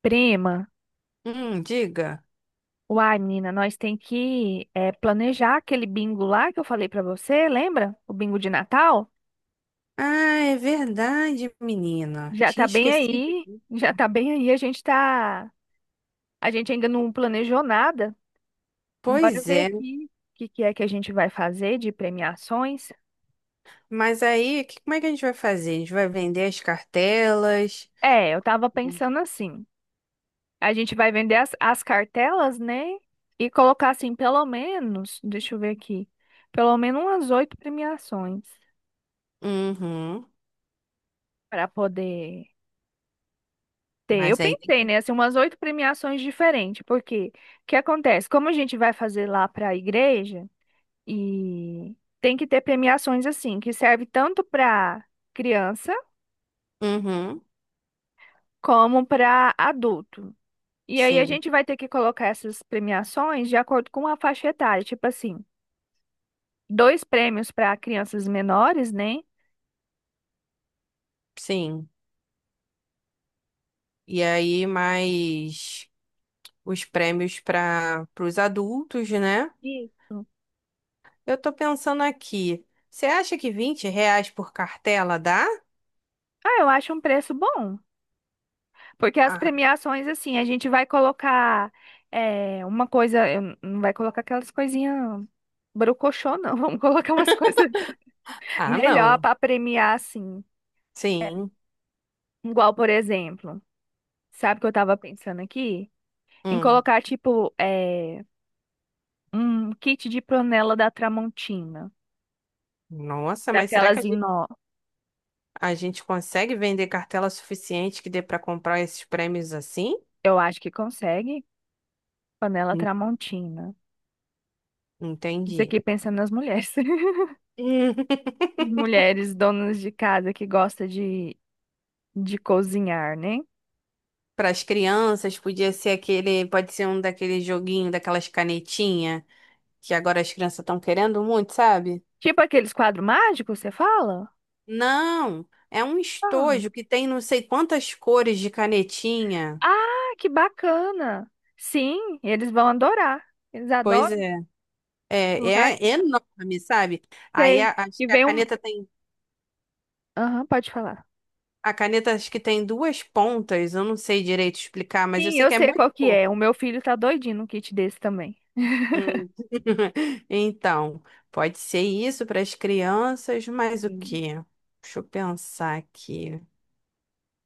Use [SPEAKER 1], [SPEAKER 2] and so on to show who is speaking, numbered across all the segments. [SPEAKER 1] Prima,
[SPEAKER 2] Diga.
[SPEAKER 1] uai, menina, nós tem que planejar aquele bingo lá que eu falei pra você, lembra? O bingo de Natal?
[SPEAKER 2] Ah, é verdade, menina.
[SPEAKER 1] Já tá
[SPEAKER 2] Tinha
[SPEAKER 1] bem
[SPEAKER 2] esquecido
[SPEAKER 1] aí,
[SPEAKER 2] disso.
[SPEAKER 1] já tá bem aí, a gente tá, a gente ainda não planejou nada. Bora
[SPEAKER 2] Pois
[SPEAKER 1] ver
[SPEAKER 2] é.
[SPEAKER 1] aqui o que que é que a gente vai fazer de premiações.
[SPEAKER 2] Mas aí, como é que a gente vai fazer? A gente vai vender as cartelas?
[SPEAKER 1] É, eu tava pensando assim, a gente vai vender as cartelas, né? E colocar assim, pelo menos, deixa eu ver aqui, pelo menos umas oito premiações
[SPEAKER 2] Uhum.
[SPEAKER 1] para poder. Tem, eu
[SPEAKER 2] Mas aí.
[SPEAKER 1] pensei, né, assim, umas oito premiações diferentes, porque o que acontece? Como a gente vai fazer lá para a igreja, e tem que ter premiações assim, que serve tanto para criança
[SPEAKER 2] Uhum.
[SPEAKER 1] como para adulto. E aí a
[SPEAKER 2] Sim,
[SPEAKER 1] gente vai ter que colocar essas premiações de acordo com a faixa etária, tipo assim, dois prêmios para crianças menores, né?
[SPEAKER 2] sim. E aí, mais os prêmios para os adultos, né?
[SPEAKER 1] Isso.
[SPEAKER 2] Eu tô pensando aqui. Você acha que R$ 20 por cartela dá?
[SPEAKER 1] Ah, eu acho um preço bom. Porque as
[SPEAKER 2] Ah,
[SPEAKER 1] premiações, assim, a gente vai colocar é, uma coisa, eu não vai colocar aquelas coisinhas brocochô, não. Vamos colocar umas coisas
[SPEAKER 2] ah,
[SPEAKER 1] melhor
[SPEAKER 2] não.
[SPEAKER 1] para premiar, assim.
[SPEAKER 2] Sim.
[SPEAKER 1] Igual, por exemplo, sabe o que eu tava pensando aqui? Em
[SPEAKER 2] Hum.
[SPEAKER 1] colocar, tipo, é, um kit de panela da Tramontina.
[SPEAKER 2] Nossa, mas será que a
[SPEAKER 1] Daquelas em
[SPEAKER 2] gente.
[SPEAKER 1] nó.
[SPEAKER 2] A gente consegue vender cartela suficiente que dê para comprar esses prêmios assim?
[SPEAKER 1] Eu acho que consegue. Panela
[SPEAKER 2] Hum,
[SPEAKER 1] Tramontina. Isso
[SPEAKER 2] Entendi.
[SPEAKER 1] aqui pensando nas mulheres. As mulheres donas de casa que gostam de cozinhar, né?
[SPEAKER 2] Para as crianças, podia ser aquele, pode ser um daquele joguinho, daquelas canetinhas que agora as crianças estão querendo muito, sabe?
[SPEAKER 1] Tipo aqueles quadros mágicos, você fala?
[SPEAKER 2] Não, é um estojo
[SPEAKER 1] Ah,
[SPEAKER 2] que tem não sei quantas cores de canetinha.
[SPEAKER 1] ah, que bacana! Sim, eles vão adorar. Eles
[SPEAKER 2] Pois
[SPEAKER 1] adoram
[SPEAKER 2] é. é,
[SPEAKER 1] colocar.
[SPEAKER 2] É enorme, sabe? Aí
[SPEAKER 1] Sei.
[SPEAKER 2] acho
[SPEAKER 1] E
[SPEAKER 2] que a
[SPEAKER 1] vem um.
[SPEAKER 2] caneta tem,
[SPEAKER 1] Aham, pode falar.
[SPEAKER 2] a caneta acho que tem duas pontas, eu não sei direito explicar, mas eu
[SPEAKER 1] Sim,
[SPEAKER 2] sei
[SPEAKER 1] eu
[SPEAKER 2] que é
[SPEAKER 1] sei qual
[SPEAKER 2] muito.
[SPEAKER 1] que é. O meu filho tá doidinho num kit desse também.
[SPEAKER 2] Hum. Então, pode ser isso para as crianças, mas o
[SPEAKER 1] Sim.
[SPEAKER 2] quê? Deixa eu pensar aqui.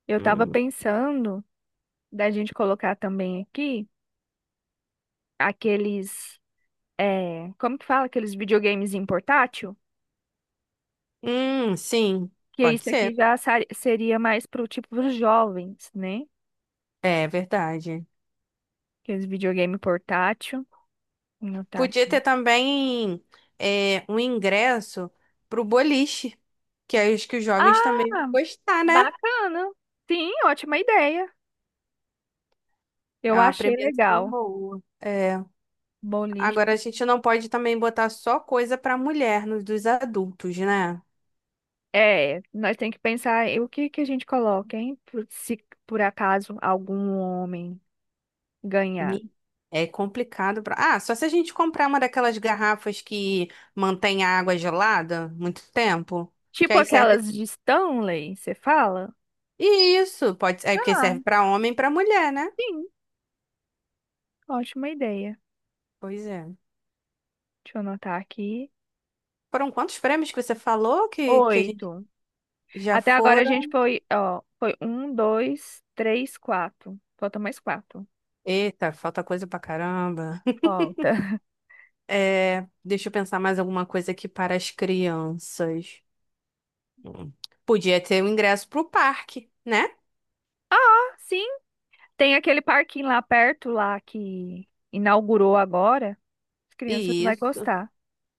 [SPEAKER 1] Eu tava
[SPEAKER 2] Hum,
[SPEAKER 1] pensando da gente colocar também aqui aqueles. É, como que fala? Aqueles videogames em portátil?
[SPEAKER 2] Hum, sim,
[SPEAKER 1] Que
[SPEAKER 2] pode
[SPEAKER 1] isso aqui
[SPEAKER 2] ser.
[SPEAKER 1] já seria mais pro tipo dos jovens, né?
[SPEAKER 2] É verdade.
[SPEAKER 1] Aqueles videogame portátil. Não tá.
[SPEAKER 2] Podia ter também um ingresso para o boliche, que é os que os jovens também vão
[SPEAKER 1] Ah,
[SPEAKER 2] gostar, né?
[SPEAKER 1] bacana. Sim, ótima ideia. Eu
[SPEAKER 2] É uma
[SPEAKER 1] achei
[SPEAKER 2] premiação
[SPEAKER 1] legal.
[SPEAKER 2] boa. É. Agora, a
[SPEAKER 1] Boliche.
[SPEAKER 2] gente não pode também botar só coisa para mulher nos dos adultos, né?
[SPEAKER 1] É, nós temos que pensar em o que que a gente coloca, hein? Se por acaso algum homem ganhar.
[SPEAKER 2] Mi- É complicado pra. Ah, só se a gente comprar uma daquelas garrafas que mantém a água gelada muito tempo, que
[SPEAKER 1] Tipo
[SPEAKER 2] aí serve
[SPEAKER 1] aquelas de Stanley, você fala?
[SPEAKER 2] isso, pode, é porque serve
[SPEAKER 1] Ah,
[SPEAKER 2] pra homem e pra mulher, né?
[SPEAKER 1] sim, ótima ideia.
[SPEAKER 2] Pois é.
[SPEAKER 1] Deixa eu anotar aqui.
[SPEAKER 2] Foram quantos prêmios que você falou que a gente
[SPEAKER 1] Oito.
[SPEAKER 2] já
[SPEAKER 1] Até agora a gente
[SPEAKER 2] foram?
[SPEAKER 1] foi, ó, foi um, dois, três, quatro. Falta mais quatro.
[SPEAKER 2] Eita, falta coisa pra caramba.
[SPEAKER 1] Falta.
[SPEAKER 2] É, deixa eu pensar mais alguma coisa aqui para as crianças. Hum. Podia ter o ingresso pro parque, né?
[SPEAKER 1] Ah, sim. Tem aquele parquinho lá perto, lá que inaugurou agora. As crianças vão
[SPEAKER 2] Isso.
[SPEAKER 1] gostar.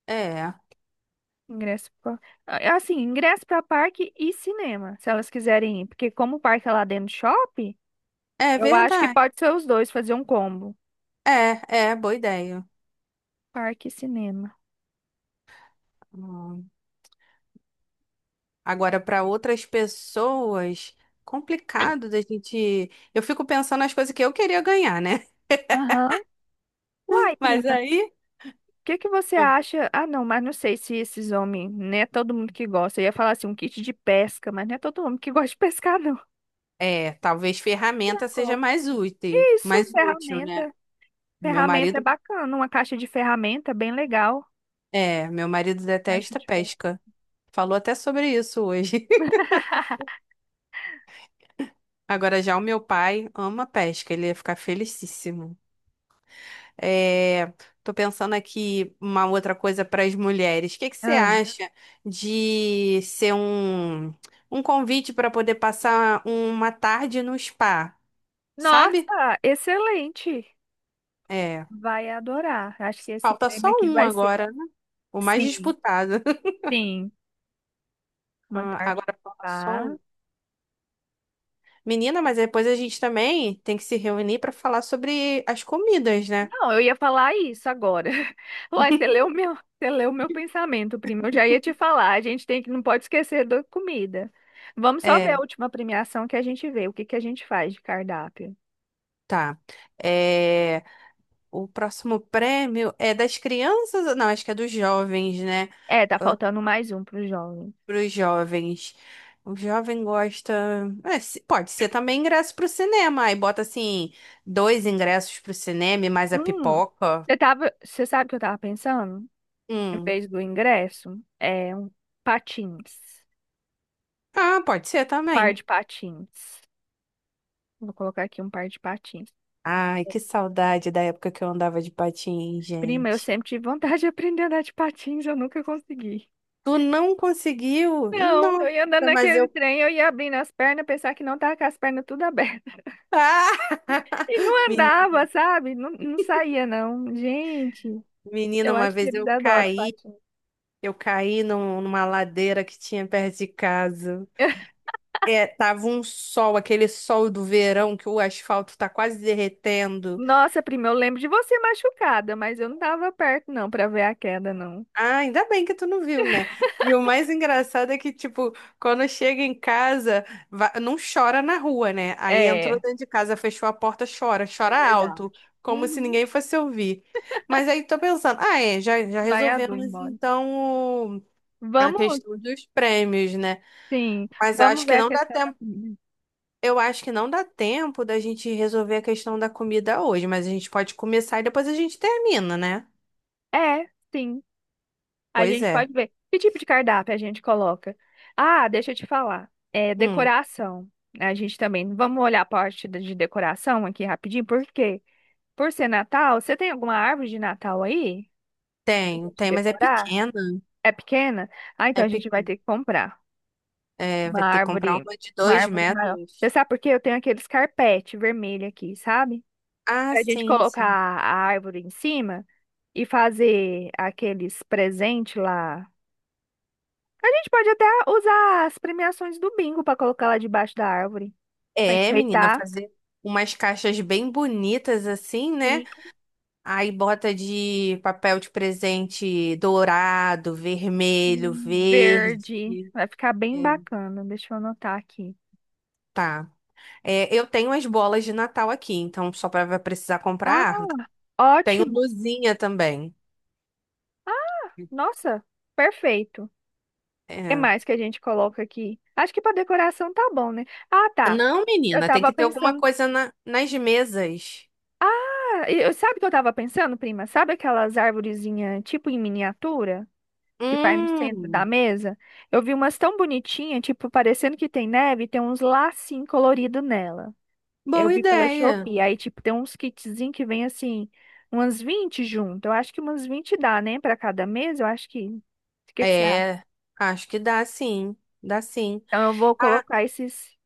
[SPEAKER 2] É.
[SPEAKER 1] Ingresso pra... ah, assim, ingresso para parque e cinema, se elas quiserem ir. Porque como o parque é lá dentro do shopping,
[SPEAKER 2] É
[SPEAKER 1] eu acho que
[SPEAKER 2] verdade.
[SPEAKER 1] pode ser os dois, fazer um combo.
[SPEAKER 2] É, boa ideia.
[SPEAKER 1] Parque e cinema.
[SPEAKER 2] Hum. Agora, para outras pessoas, complicado da gente. Eu fico pensando nas coisas que eu queria ganhar, né?
[SPEAKER 1] Aham. Uai,
[SPEAKER 2] Mas
[SPEAKER 1] prima, o
[SPEAKER 2] aí.
[SPEAKER 1] que que você
[SPEAKER 2] Ah.
[SPEAKER 1] acha? Ah, não, mas não sei se esses homens, não é todo mundo que gosta. Eu ia falar assim, um kit de pesca, mas não é todo homem que gosta de pescar, não.
[SPEAKER 2] É, talvez
[SPEAKER 1] Pra
[SPEAKER 2] ferramenta seja
[SPEAKER 1] colocar. Isso,
[SPEAKER 2] mais útil, né?
[SPEAKER 1] ferramenta.
[SPEAKER 2] Meu
[SPEAKER 1] Ferramenta é
[SPEAKER 2] marido,
[SPEAKER 1] bacana, uma caixa de ferramenta é bem legal.
[SPEAKER 2] meu marido
[SPEAKER 1] Caixa
[SPEAKER 2] detesta
[SPEAKER 1] de ferramenta.
[SPEAKER 2] pesca. Falou até sobre isso hoje. Agora já o meu pai ama pesca, ele ia ficar felicíssimo. É, tô pensando aqui uma outra coisa para as mulheres. O que que você
[SPEAKER 1] Ah,
[SPEAKER 2] acha de ser um convite para poder passar uma tarde no spa, sabe?
[SPEAKER 1] nossa, excelente.
[SPEAKER 2] É,
[SPEAKER 1] Vai adorar. Acho que esse
[SPEAKER 2] falta só
[SPEAKER 1] prêmio aqui
[SPEAKER 2] um
[SPEAKER 1] vai ser.
[SPEAKER 2] agora, né? O mais
[SPEAKER 1] Sim,
[SPEAKER 2] disputado.
[SPEAKER 1] sim. Uma
[SPEAKER 2] Ah,
[SPEAKER 1] tarde.
[SPEAKER 2] agora falta só
[SPEAKER 1] Ah,
[SPEAKER 2] um. Menina, mas depois a gente também tem que se reunir para falar sobre as comidas, né?
[SPEAKER 1] não, eu ia falar isso agora. Uai, você leu o meu, você leu o meu pensamento, primo. Eu já ia te falar. A gente tem que, não pode esquecer da comida. Vamos só ver a
[SPEAKER 2] É,
[SPEAKER 1] última premiação que a gente vê. O que que a gente faz de cardápio?
[SPEAKER 2] tá. É, o próximo prêmio é das crianças, não, acho que é dos jovens, né?
[SPEAKER 1] É, tá faltando mais um pro jovem.
[SPEAKER 2] Para os jovens. O jovem gosta. É, pode ser também ingresso para o cinema. Aí bota assim, dois ingressos para o cinema e mais a
[SPEAKER 1] Hum,
[SPEAKER 2] pipoca.
[SPEAKER 1] eu tava, você sabe o que eu tava pensando? Em
[SPEAKER 2] Hum.
[SPEAKER 1] vez do ingresso, é um patins,
[SPEAKER 2] Ah, pode ser
[SPEAKER 1] um par
[SPEAKER 2] também.
[SPEAKER 1] de patins. Vou colocar aqui um par de patins.
[SPEAKER 2] Ai, que saudade da época que eu andava de patins,
[SPEAKER 1] Prima, eu
[SPEAKER 2] gente.
[SPEAKER 1] sempre tive vontade de aprender a andar de patins, eu nunca consegui.
[SPEAKER 2] Tu não conseguiu?
[SPEAKER 1] Não, eu ia andando
[SPEAKER 2] Nossa, mas
[SPEAKER 1] naquele
[SPEAKER 2] eu.
[SPEAKER 1] trem, eu ia abrindo as pernas, pensar que não tava com as pernas tudo abertas.
[SPEAKER 2] Ah!
[SPEAKER 1] E não
[SPEAKER 2] Men-
[SPEAKER 1] andava, sabe? Não, não saía, não. Gente,
[SPEAKER 2] Menina,
[SPEAKER 1] eu
[SPEAKER 2] uma
[SPEAKER 1] acho que
[SPEAKER 2] vez
[SPEAKER 1] eles
[SPEAKER 2] eu
[SPEAKER 1] adoram
[SPEAKER 2] caí.
[SPEAKER 1] patins.
[SPEAKER 2] Eu caí numa ladeira que tinha perto de casa. É, tava um sol, aquele sol do verão que o asfalto tá quase derretendo.
[SPEAKER 1] Nossa, prima, eu lembro de você machucada, mas eu não tava perto, não, pra ver a queda, não.
[SPEAKER 2] Ah, ainda bem que tu não viu, né? E o mais engraçado é que, tipo, quando chega em casa, não chora na rua, né? Aí entrou
[SPEAKER 1] É,
[SPEAKER 2] dentro de casa, fechou a porta, chora,
[SPEAKER 1] é
[SPEAKER 2] chora alto,
[SPEAKER 1] verdade.
[SPEAKER 2] como se
[SPEAKER 1] Uhum,
[SPEAKER 2] ninguém fosse ouvir. Mas aí tô pensando, já, já
[SPEAKER 1] vai a Du
[SPEAKER 2] resolvemos
[SPEAKER 1] embora.
[SPEAKER 2] então a
[SPEAKER 1] Vamos,
[SPEAKER 2] questão dos prêmios, né?
[SPEAKER 1] sim,
[SPEAKER 2] Mas acho
[SPEAKER 1] vamos
[SPEAKER 2] que
[SPEAKER 1] ver a
[SPEAKER 2] não dá.
[SPEAKER 1] questão da comida.
[SPEAKER 2] Eu acho que não dá tempo da gente resolver a questão da comida hoje, mas a gente pode começar e depois a gente termina, né?
[SPEAKER 1] É, sim, a
[SPEAKER 2] Pois
[SPEAKER 1] gente
[SPEAKER 2] é.
[SPEAKER 1] pode ver. Que tipo de cardápio a gente coloca? Ah, deixa eu te falar. É
[SPEAKER 2] Hum,
[SPEAKER 1] decoração. A gente também. Vamos olhar a parte de decoração aqui rapidinho, por quê? Por ser Natal, você tem alguma árvore de Natal aí? Pra
[SPEAKER 2] tem,
[SPEAKER 1] gente
[SPEAKER 2] tem, mas é
[SPEAKER 1] decorar?
[SPEAKER 2] pequena.
[SPEAKER 1] É pequena? Ah,
[SPEAKER 2] É,
[SPEAKER 1] então a gente vai ter que comprar uma
[SPEAKER 2] vai ter que comprar
[SPEAKER 1] árvore,
[SPEAKER 2] uma de
[SPEAKER 1] uma
[SPEAKER 2] dois
[SPEAKER 1] árvore maior. Você
[SPEAKER 2] metros.
[SPEAKER 1] sabe por quê? Eu tenho aqueles carpete vermelho aqui, sabe?
[SPEAKER 2] Ah,
[SPEAKER 1] Pra gente
[SPEAKER 2] sim,
[SPEAKER 1] colocar
[SPEAKER 2] sim.
[SPEAKER 1] a árvore em cima e fazer aqueles presentes lá. A gente pode até usar as premiações do bingo para colocar lá debaixo da árvore, para
[SPEAKER 2] É, menina,
[SPEAKER 1] enfeitar.
[SPEAKER 2] fazer umas caixas bem bonitas assim, né?
[SPEAKER 1] Sim,
[SPEAKER 2] Aí bota de papel de presente dourado, vermelho,
[SPEAKER 1] em
[SPEAKER 2] verde.
[SPEAKER 1] verde. Vai ficar bem
[SPEAKER 2] É,
[SPEAKER 1] bacana. Deixa eu anotar aqui.
[SPEAKER 2] tá. É, eu tenho as bolas de Natal aqui, então só vai precisar comprar
[SPEAKER 1] Ah,
[SPEAKER 2] a árvore. Tenho
[SPEAKER 1] ótimo.
[SPEAKER 2] luzinha também.
[SPEAKER 1] Ah, nossa, perfeito. O que
[SPEAKER 2] É.
[SPEAKER 1] mais que a gente coloca aqui? Acho que para decoração tá bom, né? Ah, tá.
[SPEAKER 2] Não,
[SPEAKER 1] Eu
[SPEAKER 2] menina, tem que
[SPEAKER 1] tava
[SPEAKER 2] ter alguma
[SPEAKER 1] pensando.
[SPEAKER 2] coisa nas mesas.
[SPEAKER 1] Ah, e eu, sabe o que eu tava pensando, prima? Sabe aquelas arvorezinhas, tipo em miniatura, que vai no centro da
[SPEAKER 2] Hum,
[SPEAKER 1] mesa? Eu vi umas tão bonitinhas, tipo, parecendo que tem neve, e tem uns lacinhos coloridos nela. Eu
[SPEAKER 2] Boa
[SPEAKER 1] vi pela
[SPEAKER 2] ideia.
[SPEAKER 1] Shopee, aí, tipo, tem uns kitzinhos que vem, assim, umas 20 junto. Eu acho que umas 20 dá, né, pra cada mesa, eu acho que... O que que você acha?
[SPEAKER 2] É, acho que dá sim, dá sim.
[SPEAKER 1] Então, eu vou
[SPEAKER 2] Ah,
[SPEAKER 1] colocar esses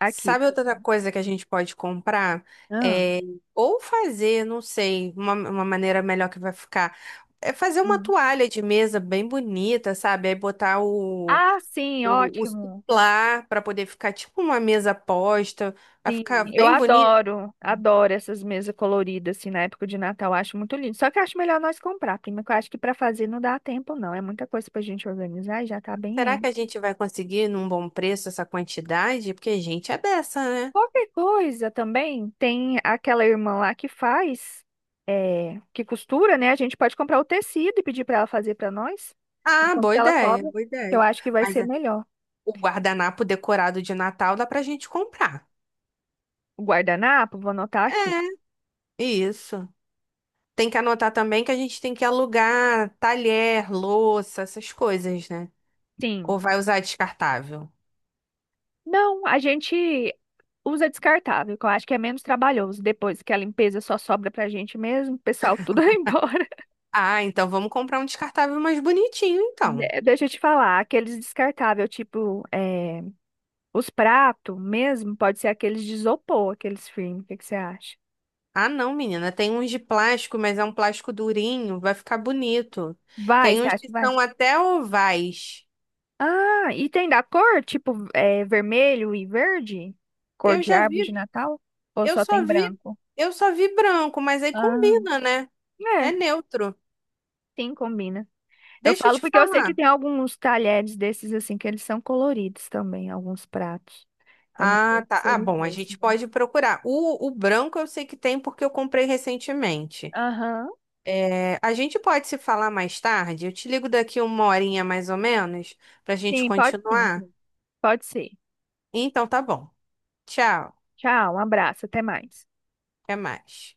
[SPEAKER 1] aqui.
[SPEAKER 2] sabe outra coisa que a gente pode comprar?
[SPEAKER 1] Ah,
[SPEAKER 2] É, ou fazer, não sei, uma maneira melhor que vai ficar. É fazer uma
[SPEAKER 1] hum.
[SPEAKER 2] toalha de mesa bem bonita, sabe? Aí botar o
[SPEAKER 1] Ah, sim,
[SPEAKER 2] o, o
[SPEAKER 1] ótimo.
[SPEAKER 2] suplar para poder ficar tipo uma mesa posta, para
[SPEAKER 1] Sim,
[SPEAKER 2] ficar
[SPEAKER 1] eu
[SPEAKER 2] bem bonito.
[SPEAKER 1] adoro, adoro essas mesas coloridas, assim, na época de Natal, eu acho muito lindo. Só que eu acho melhor nós comprar, prima, que eu acho que para fazer não dá tempo, não. É muita coisa pra gente organizar e já tá bem
[SPEAKER 2] Será que
[SPEAKER 1] aí.
[SPEAKER 2] a gente vai conseguir num bom preço essa quantidade? Porque a gente é dessa, né?
[SPEAKER 1] Qualquer coisa também, tem aquela irmã lá que faz, é, que costura, né? A gente pode comprar o tecido e pedir pra ela fazer pra nós,
[SPEAKER 2] Ah,
[SPEAKER 1] enquanto
[SPEAKER 2] boa
[SPEAKER 1] ela
[SPEAKER 2] ideia,
[SPEAKER 1] cobra,
[SPEAKER 2] boa
[SPEAKER 1] eu
[SPEAKER 2] ideia.
[SPEAKER 1] acho que vai
[SPEAKER 2] Mas
[SPEAKER 1] ser
[SPEAKER 2] é,
[SPEAKER 1] melhor.
[SPEAKER 2] o guardanapo decorado de Natal dá pra gente comprar.
[SPEAKER 1] O guardanapo, vou anotar aqui.
[SPEAKER 2] É, isso. Tem que anotar também que a gente tem que alugar talher, louça, essas coisas, né? Ou
[SPEAKER 1] Sim.
[SPEAKER 2] vai usar descartável?
[SPEAKER 1] Não, a gente usa descartável, que eu acho que é menos trabalhoso. Depois que a limpeza só sobra pra gente mesmo, o pessoal tudo vai embora.
[SPEAKER 2] Ah, então vamos comprar um descartável mais bonitinho, então.
[SPEAKER 1] Deixa eu te falar, aqueles descartáveis, tipo, é, os pratos mesmo, pode ser aqueles de isopor, aqueles firmes. O que que você acha?
[SPEAKER 2] Ah, não, menina. Tem uns de plástico, mas é um plástico durinho. Vai ficar bonito.
[SPEAKER 1] Vai,
[SPEAKER 2] Tem
[SPEAKER 1] você
[SPEAKER 2] uns
[SPEAKER 1] acha
[SPEAKER 2] que
[SPEAKER 1] que vai?
[SPEAKER 2] são até ovais.
[SPEAKER 1] Ah, e tem da cor, tipo, é, vermelho e verde? Cor
[SPEAKER 2] Eu
[SPEAKER 1] de
[SPEAKER 2] já vi,
[SPEAKER 1] árvore de Natal? Ou
[SPEAKER 2] eu
[SPEAKER 1] só
[SPEAKER 2] só
[SPEAKER 1] tem
[SPEAKER 2] vi,
[SPEAKER 1] branco?
[SPEAKER 2] eu só vi branco, mas aí
[SPEAKER 1] Ah,
[SPEAKER 2] combina, né? É
[SPEAKER 1] é,
[SPEAKER 2] neutro.
[SPEAKER 1] sim, combina. Eu
[SPEAKER 2] Deixa eu
[SPEAKER 1] falo
[SPEAKER 2] te
[SPEAKER 1] porque eu sei que
[SPEAKER 2] falar.
[SPEAKER 1] tem alguns talheres desses assim que eles são coloridos também, alguns pratos. Eu não sei
[SPEAKER 2] Ah, tá.
[SPEAKER 1] se
[SPEAKER 2] Ah,
[SPEAKER 1] seria
[SPEAKER 2] bom, a
[SPEAKER 1] desse,
[SPEAKER 2] gente
[SPEAKER 1] né?
[SPEAKER 2] pode procurar. O branco eu sei que tem porque eu comprei recentemente.
[SPEAKER 1] Aham.
[SPEAKER 2] É, a gente pode se falar mais tarde? Eu te ligo daqui uma horinha mais ou menos pra gente
[SPEAKER 1] Sim, pode sim.
[SPEAKER 2] continuar.
[SPEAKER 1] Sim. Pode ser.
[SPEAKER 2] Então tá bom. Tchau.
[SPEAKER 1] Tchau, um abraço, até mais.
[SPEAKER 2] Até mais.